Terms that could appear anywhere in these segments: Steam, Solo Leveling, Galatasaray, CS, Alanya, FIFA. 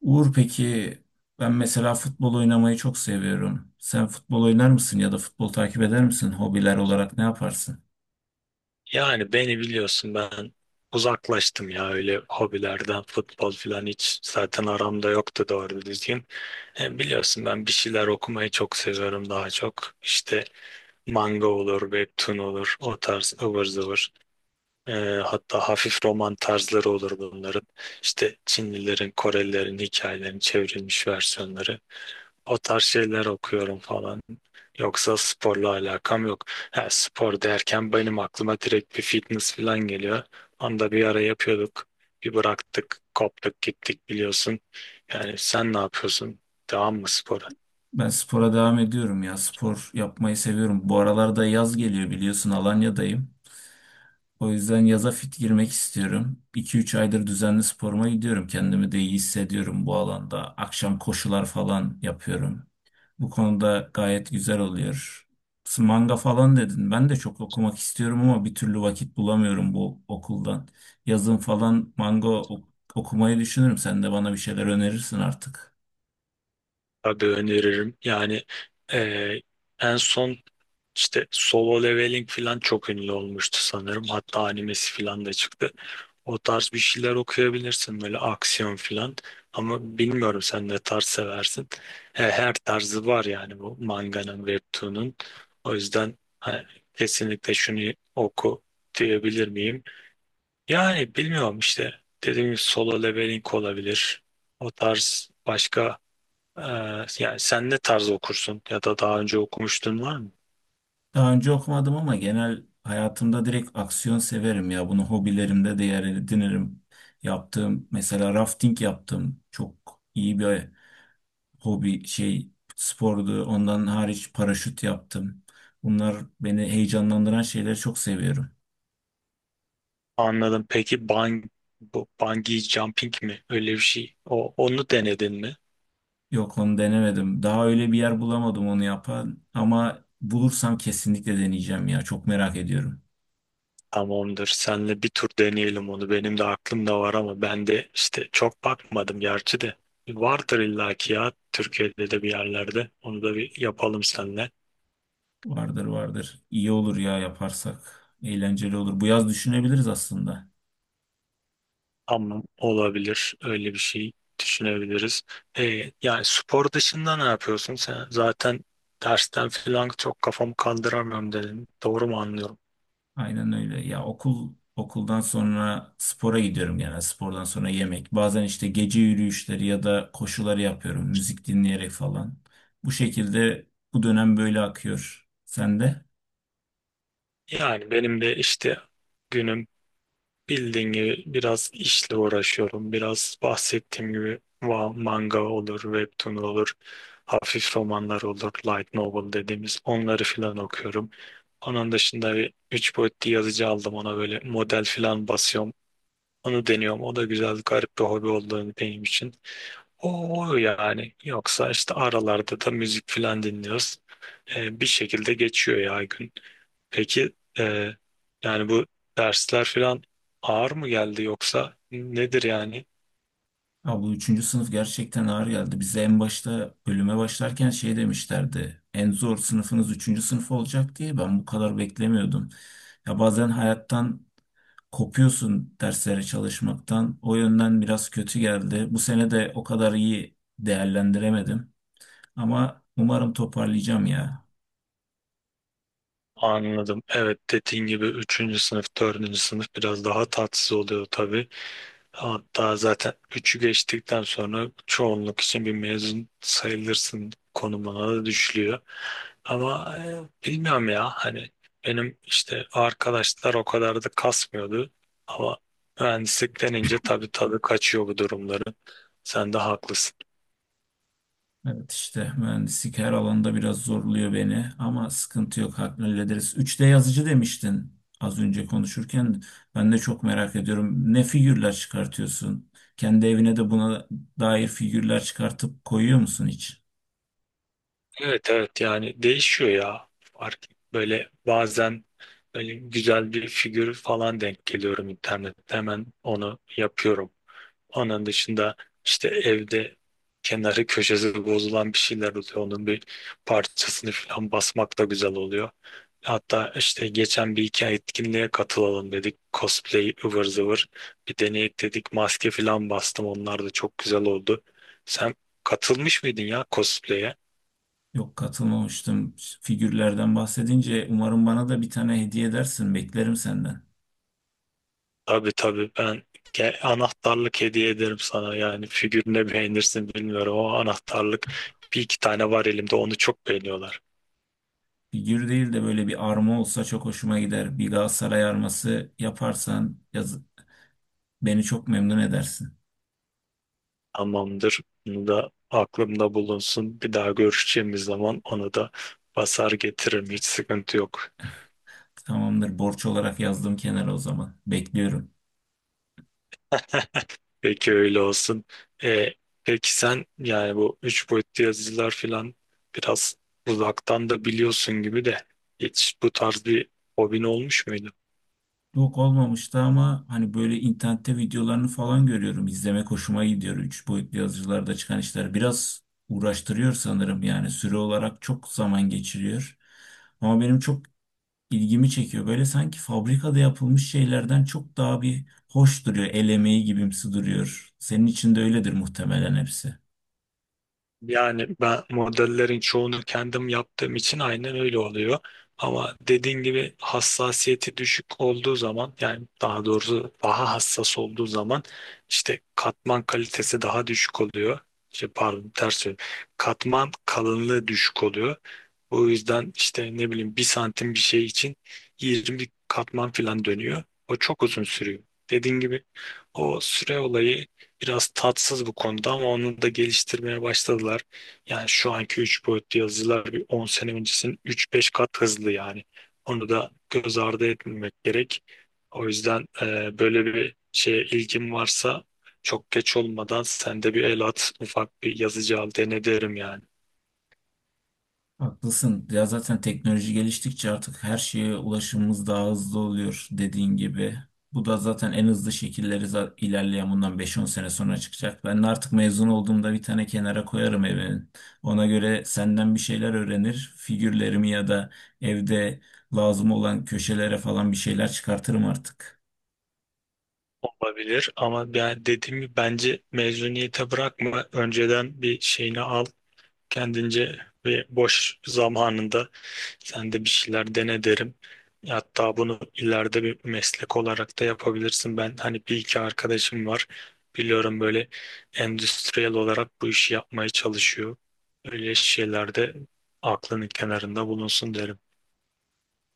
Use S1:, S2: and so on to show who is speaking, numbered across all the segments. S1: Uğur peki ben mesela futbol oynamayı çok seviyorum. Sen futbol oynar mısın ya da futbol takip eder misin? Hobiler olarak ne yaparsın?
S2: Yani beni biliyorsun ben uzaklaştım ya öyle hobilerden, futbol falan hiç zaten aramda yoktu doğru düzgün. Biliyorsun ben bir şeyler okumayı çok seviyorum daha çok. İşte manga olur, webtoon olur, o tarz ıvır zıvır. E, Hatta hafif roman tarzları olur bunların. İşte Çinlilerin, Korelilerin hikayelerini, çevrilmiş versiyonları. O tarz şeyler okuyorum falan. Yoksa sporla alakam yok. Ha, spor derken benim aklıma direkt bir fitness falan geliyor. Onda bir ara yapıyorduk. Bir bıraktık, koptuk, gittik biliyorsun. Yani sen ne yapıyorsun? Devam mı spora?
S1: Ben spora devam ediyorum ya. Spor yapmayı seviyorum. Bu aralarda yaz geliyor biliyorsun Alanya'dayım. O yüzden yaza fit girmek istiyorum. 2 üç aydır düzenli sporuma gidiyorum. Kendimi de iyi hissediyorum bu alanda. Akşam koşular falan yapıyorum. Bu konuda gayet güzel oluyor. Manga falan dedin. Ben de çok okumak istiyorum ama bir türlü vakit bulamıyorum bu okuldan. Yazın falan okumayı düşünürüm. Sen de bana bir şeyler önerirsin artık.
S2: Tabii öneririm. Yani eee, en son işte Solo Leveling falan çok ünlü olmuştu sanırım. Hatta animesi falan da çıktı. O tarz bir şeyler okuyabilirsin, böyle aksiyon filan. Ama bilmiyorum sen ne tarz seversin. He, her tarzı var yani bu manganın, webtoon'un. O yüzden hani, kesinlikle şunu oku diyebilir miyim? Yani bilmiyorum işte. Dediğim gibi Solo Leveling olabilir. O tarz başka e, yani sen ne tarz okursun ya da daha önce okumuştun var mı?
S1: Daha önce okumadım ama genel hayatımda direkt aksiyon severim ya. Bunu hobilerimde de yer edinirim. Yaptığım mesela rafting yaptım. Çok iyi bir hobi, spordu. Ondan hariç paraşüt yaptım. Bunlar beni heyecanlandıran şeyleri çok seviyorum.
S2: Anladım. Peki, bu bungee jumping mi? Öyle bir şey. Onu denedin mi?
S1: Yok onu denemedim. Daha öyle bir yer bulamadım onu yapan ama bulursam kesinlikle deneyeceğim ya. Çok merak ediyorum.
S2: Tamamdır. Senle bir tur deneyelim onu. Benim de aklımda var ama ben de işte çok bakmadım gerçi de. Vardır illaki ya, Türkiye'de de bir yerlerde. Onu da bir yapalım seninle.
S1: Vardır vardır. İyi olur ya yaparsak. Eğlenceli olur. Bu yaz düşünebiliriz aslında.
S2: Ama olabilir. Öyle bir şey düşünebiliriz. Yani spor dışında ne yapıyorsun? Sen zaten dersten falan çok, kafamı kandıramıyorum dedim. Doğru mu anlıyorum?
S1: Aynen öyle. Ya okul okuldan sonra spora gidiyorum genel. Spordan sonra yemek. Bazen işte gece yürüyüşleri ya da koşuları yapıyorum. Müzik dinleyerek falan. Bu şekilde bu dönem böyle akıyor. Sen de?
S2: Yani benim de işte günüm, bildiğin gibi biraz işle uğraşıyorum. Biraz bahsettiğim gibi manga olur, webtoon olur, hafif romanlar olur, light novel dediğimiz onları filan okuyorum. Onun dışında bir 3 boyutlu yazıcı aldım, ona böyle model filan basıyorum. Onu deniyorum. O da güzel, garip bir hobi olduğunu benim için. O yani. Yoksa işte aralarda da müzik filan dinliyoruz. Bir şekilde geçiyor ya gün. Peki yani bu dersler falan ağır mı geldi, yoksa nedir yani?
S1: Ya bu üçüncü sınıf gerçekten ağır geldi. Bize en başta bölüme başlarken şey demişlerdi. En zor sınıfınız üçüncü sınıf olacak diye ben bu kadar beklemiyordum. Ya bazen hayattan kopuyorsun derslere çalışmaktan. O yönden biraz kötü geldi. Bu sene de o kadar iyi değerlendiremedim. Ama umarım toparlayacağım ya.
S2: Anladım. Evet, dediğin gibi üçüncü sınıf, dördüncü sınıf biraz daha tatsız oluyor tabii. Hatta zaten üçü geçtikten sonra çoğunluk için bir mezun sayılırsın konumuna da düşülüyor. Ama bilmiyorum ya hani, benim işte arkadaşlar o kadar da kasmıyordu. Ama mühendislik denince tabii tadı kaçıyor bu durumları. Sen de haklısın.
S1: Evet işte mühendislik her alanda biraz zorluyor beni ama sıkıntı yok hallederiz. 3D yazıcı demiştin az önce konuşurken. Ben de çok merak ediyorum. Ne figürler çıkartıyorsun? Kendi evine de buna dair figürler çıkartıp koyuyor musun hiç?
S2: Evet, evet, yani değişiyor ya. Fark, böyle bazen böyle güzel bir figür falan denk geliyorum internette, hemen onu yapıyorum. Onun dışında işte evde kenarı köşesi bozulan bir şeyler oluyor. Onun bir parçasını falan basmak da güzel oluyor. Hatta işte geçen bir iki etkinliğe katılalım dedik. Cosplay ıvır zıvır. Bir deneyek dedik. Maske falan bastım. Onlar da çok güzel oldu. Sen katılmış mıydın ya cosplay'e?
S1: Yok katılmamıştım. Figürlerden bahsedince umarım bana da bir tane hediye edersin. Beklerim senden.
S2: Tabii tabii, ben anahtarlık hediye ederim sana, yani figürüne beğenirsin bilmiyorum ama anahtarlık bir iki tane var elimde, onu çok beğeniyorlar.
S1: Figür değil de böyle bir arma olsa çok hoşuma gider. Bir Galatasaray arması yaparsan yaz beni çok memnun edersin.
S2: Tamamdır, bunu da aklımda bulunsun, bir daha görüşeceğimiz zaman onu da basar getiririm, hiç sıkıntı yok.
S1: Tamamdır borç olarak yazdım kenara o zaman. Bekliyorum.
S2: Peki öyle olsun. E, peki sen, yani bu üç boyutlu yazıcılar falan, biraz uzaktan da biliyorsun gibi de, hiç bu tarz bir hobin olmuş muydu?
S1: Yok olmamıştı ama hani böyle internette videolarını falan görüyorum. İzlemek hoşuma gidiyor. Üç boyutlu yazıcılarda çıkan işler biraz uğraştırıyor sanırım yani süre olarak çok zaman geçiriyor. Ama benim çok ilgimi çekiyor. Böyle sanki fabrikada yapılmış şeylerden çok daha bir hoş duruyor. El emeği gibimsi duruyor. Senin için de öyledir muhtemelen hepsi.
S2: Yani ben modellerin çoğunu kendim yaptığım için aynen öyle oluyor. Ama dediğin gibi hassasiyeti düşük olduğu zaman, yani daha doğrusu daha hassas olduğu zaman işte katman kalitesi daha düşük oluyor. İşte pardon, ters söyledim. Katman kalınlığı düşük oluyor. O yüzden işte, ne bileyim, bir santim bir şey için 20 katman falan dönüyor. O çok uzun sürüyor. Dediğin gibi o süre olayı biraz tatsız bu konuda, ama onu da geliştirmeye başladılar. Yani şu anki 3 boyutlu yazıcılar bir 10 sene öncesinin üç beş kat hızlı yani. Onu da göz ardı etmemek gerek. O yüzden böyle bir şeye ilgin varsa, çok geç olmadan sen de bir el at, ufak bir yazıcı al, dene derim yani.
S1: Haklısın. Ya zaten teknoloji geliştikçe artık her şeye ulaşımımız daha hızlı oluyor dediğin gibi. Bu da zaten en hızlı şekilleri ilerleyen bundan beş on sene sonra çıkacak. Ben de artık mezun olduğumda bir tane kenara koyarım evimin. Ona göre senden bir şeyler öğrenir. Figürlerimi ya da evde lazım olan köşelere falan bir şeyler çıkartırım artık.
S2: Olabilir ama ben dediğim gibi bence mezuniyete bırakma. Önceden bir şeyini al, kendince ve boş zamanında sen de bir şeyler dene derim. Hatta bunu ileride bir meslek olarak da yapabilirsin. Ben hani bir iki arkadaşım var. Biliyorum, böyle endüstriyel olarak bu işi yapmaya çalışıyor. Öyle şeylerde aklının kenarında bulunsun derim.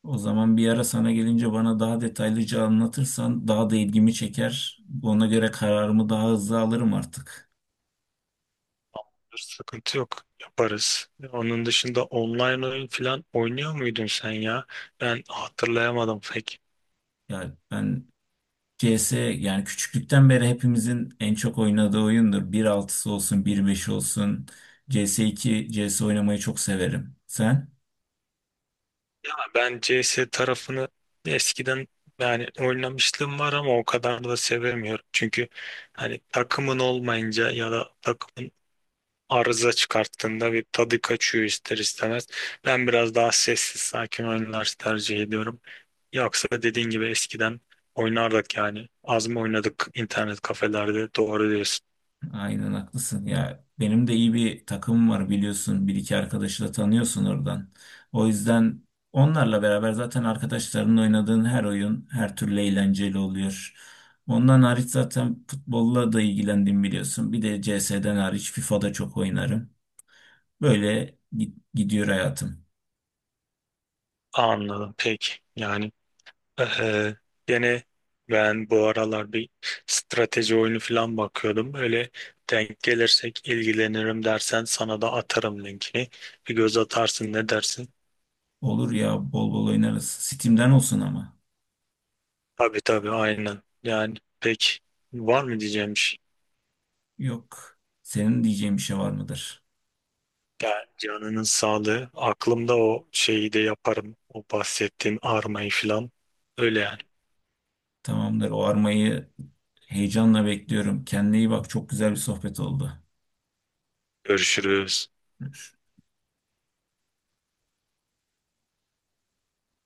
S1: O zaman bir ara sana gelince bana daha detaylıca anlatırsan daha da ilgimi çeker. Ona göre kararımı daha hızlı alırım artık.
S2: Sıkıntı yok. Yaparız. Onun dışında online oyun falan oynuyor muydun sen ya? Ben hatırlayamadım pek.
S1: Yani ben C S. Yani küçüklükten beri hepimizin en çok oynadığı oyundur. Bir altısı olsun, bir beşi olsun. C S iki C S oynamayı çok severim. Sen?
S2: Ben CS tarafını eskiden yani oynamışlığım var ama o kadar da sevemiyorum. Çünkü hani takımın olmayınca ya da takımın arıza çıkarttığında bir tadı kaçıyor ister istemez. Ben biraz daha sessiz sakin oyunlar tercih ediyorum. Yoksa dediğin gibi eskiden oynardık yani. Az mı oynadık internet kafelerde? Doğru diyorsun.
S1: Aynen haklısın. Ya benim de iyi bir takımım var biliyorsun. Bir iki arkadaşı da tanıyorsun oradan. O yüzden onlarla beraber zaten arkadaşlarınla oynadığın her oyun her türlü eğlenceli oluyor. Ondan hariç zaten futbolla da ilgilendim biliyorsun. Bir de CS'den hariç FIFA'da çok oynarım. Böyle gidiyor hayatım.
S2: Anladım. Peki. Yani Ee, gene ben bu aralar bir strateji oyunu falan bakıyordum. Öyle denk gelirsek ilgilenirim dersen sana da atarım linkini. Bir göz atarsın, ne dersin?
S1: Olur ya bol bol oynarız. Steam'den olsun ama.
S2: Tabii tabii aynen. Yani pek var mı diyeceğim bir şey.
S1: Yok. Senin diyeceğin bir şey var mıdır?
S2: Yani canının sağlığı. Aklımda, o şeyi de yaparım. O bahsettiğin armayı falan. Öyle yani.
S1: Tamamdır. O armayı heyecanla bekliyorum. Kendine iyi bak. Çok güzel bir sohbet oldu.
S2: Görüşürüz.
S1: Görüşürüz.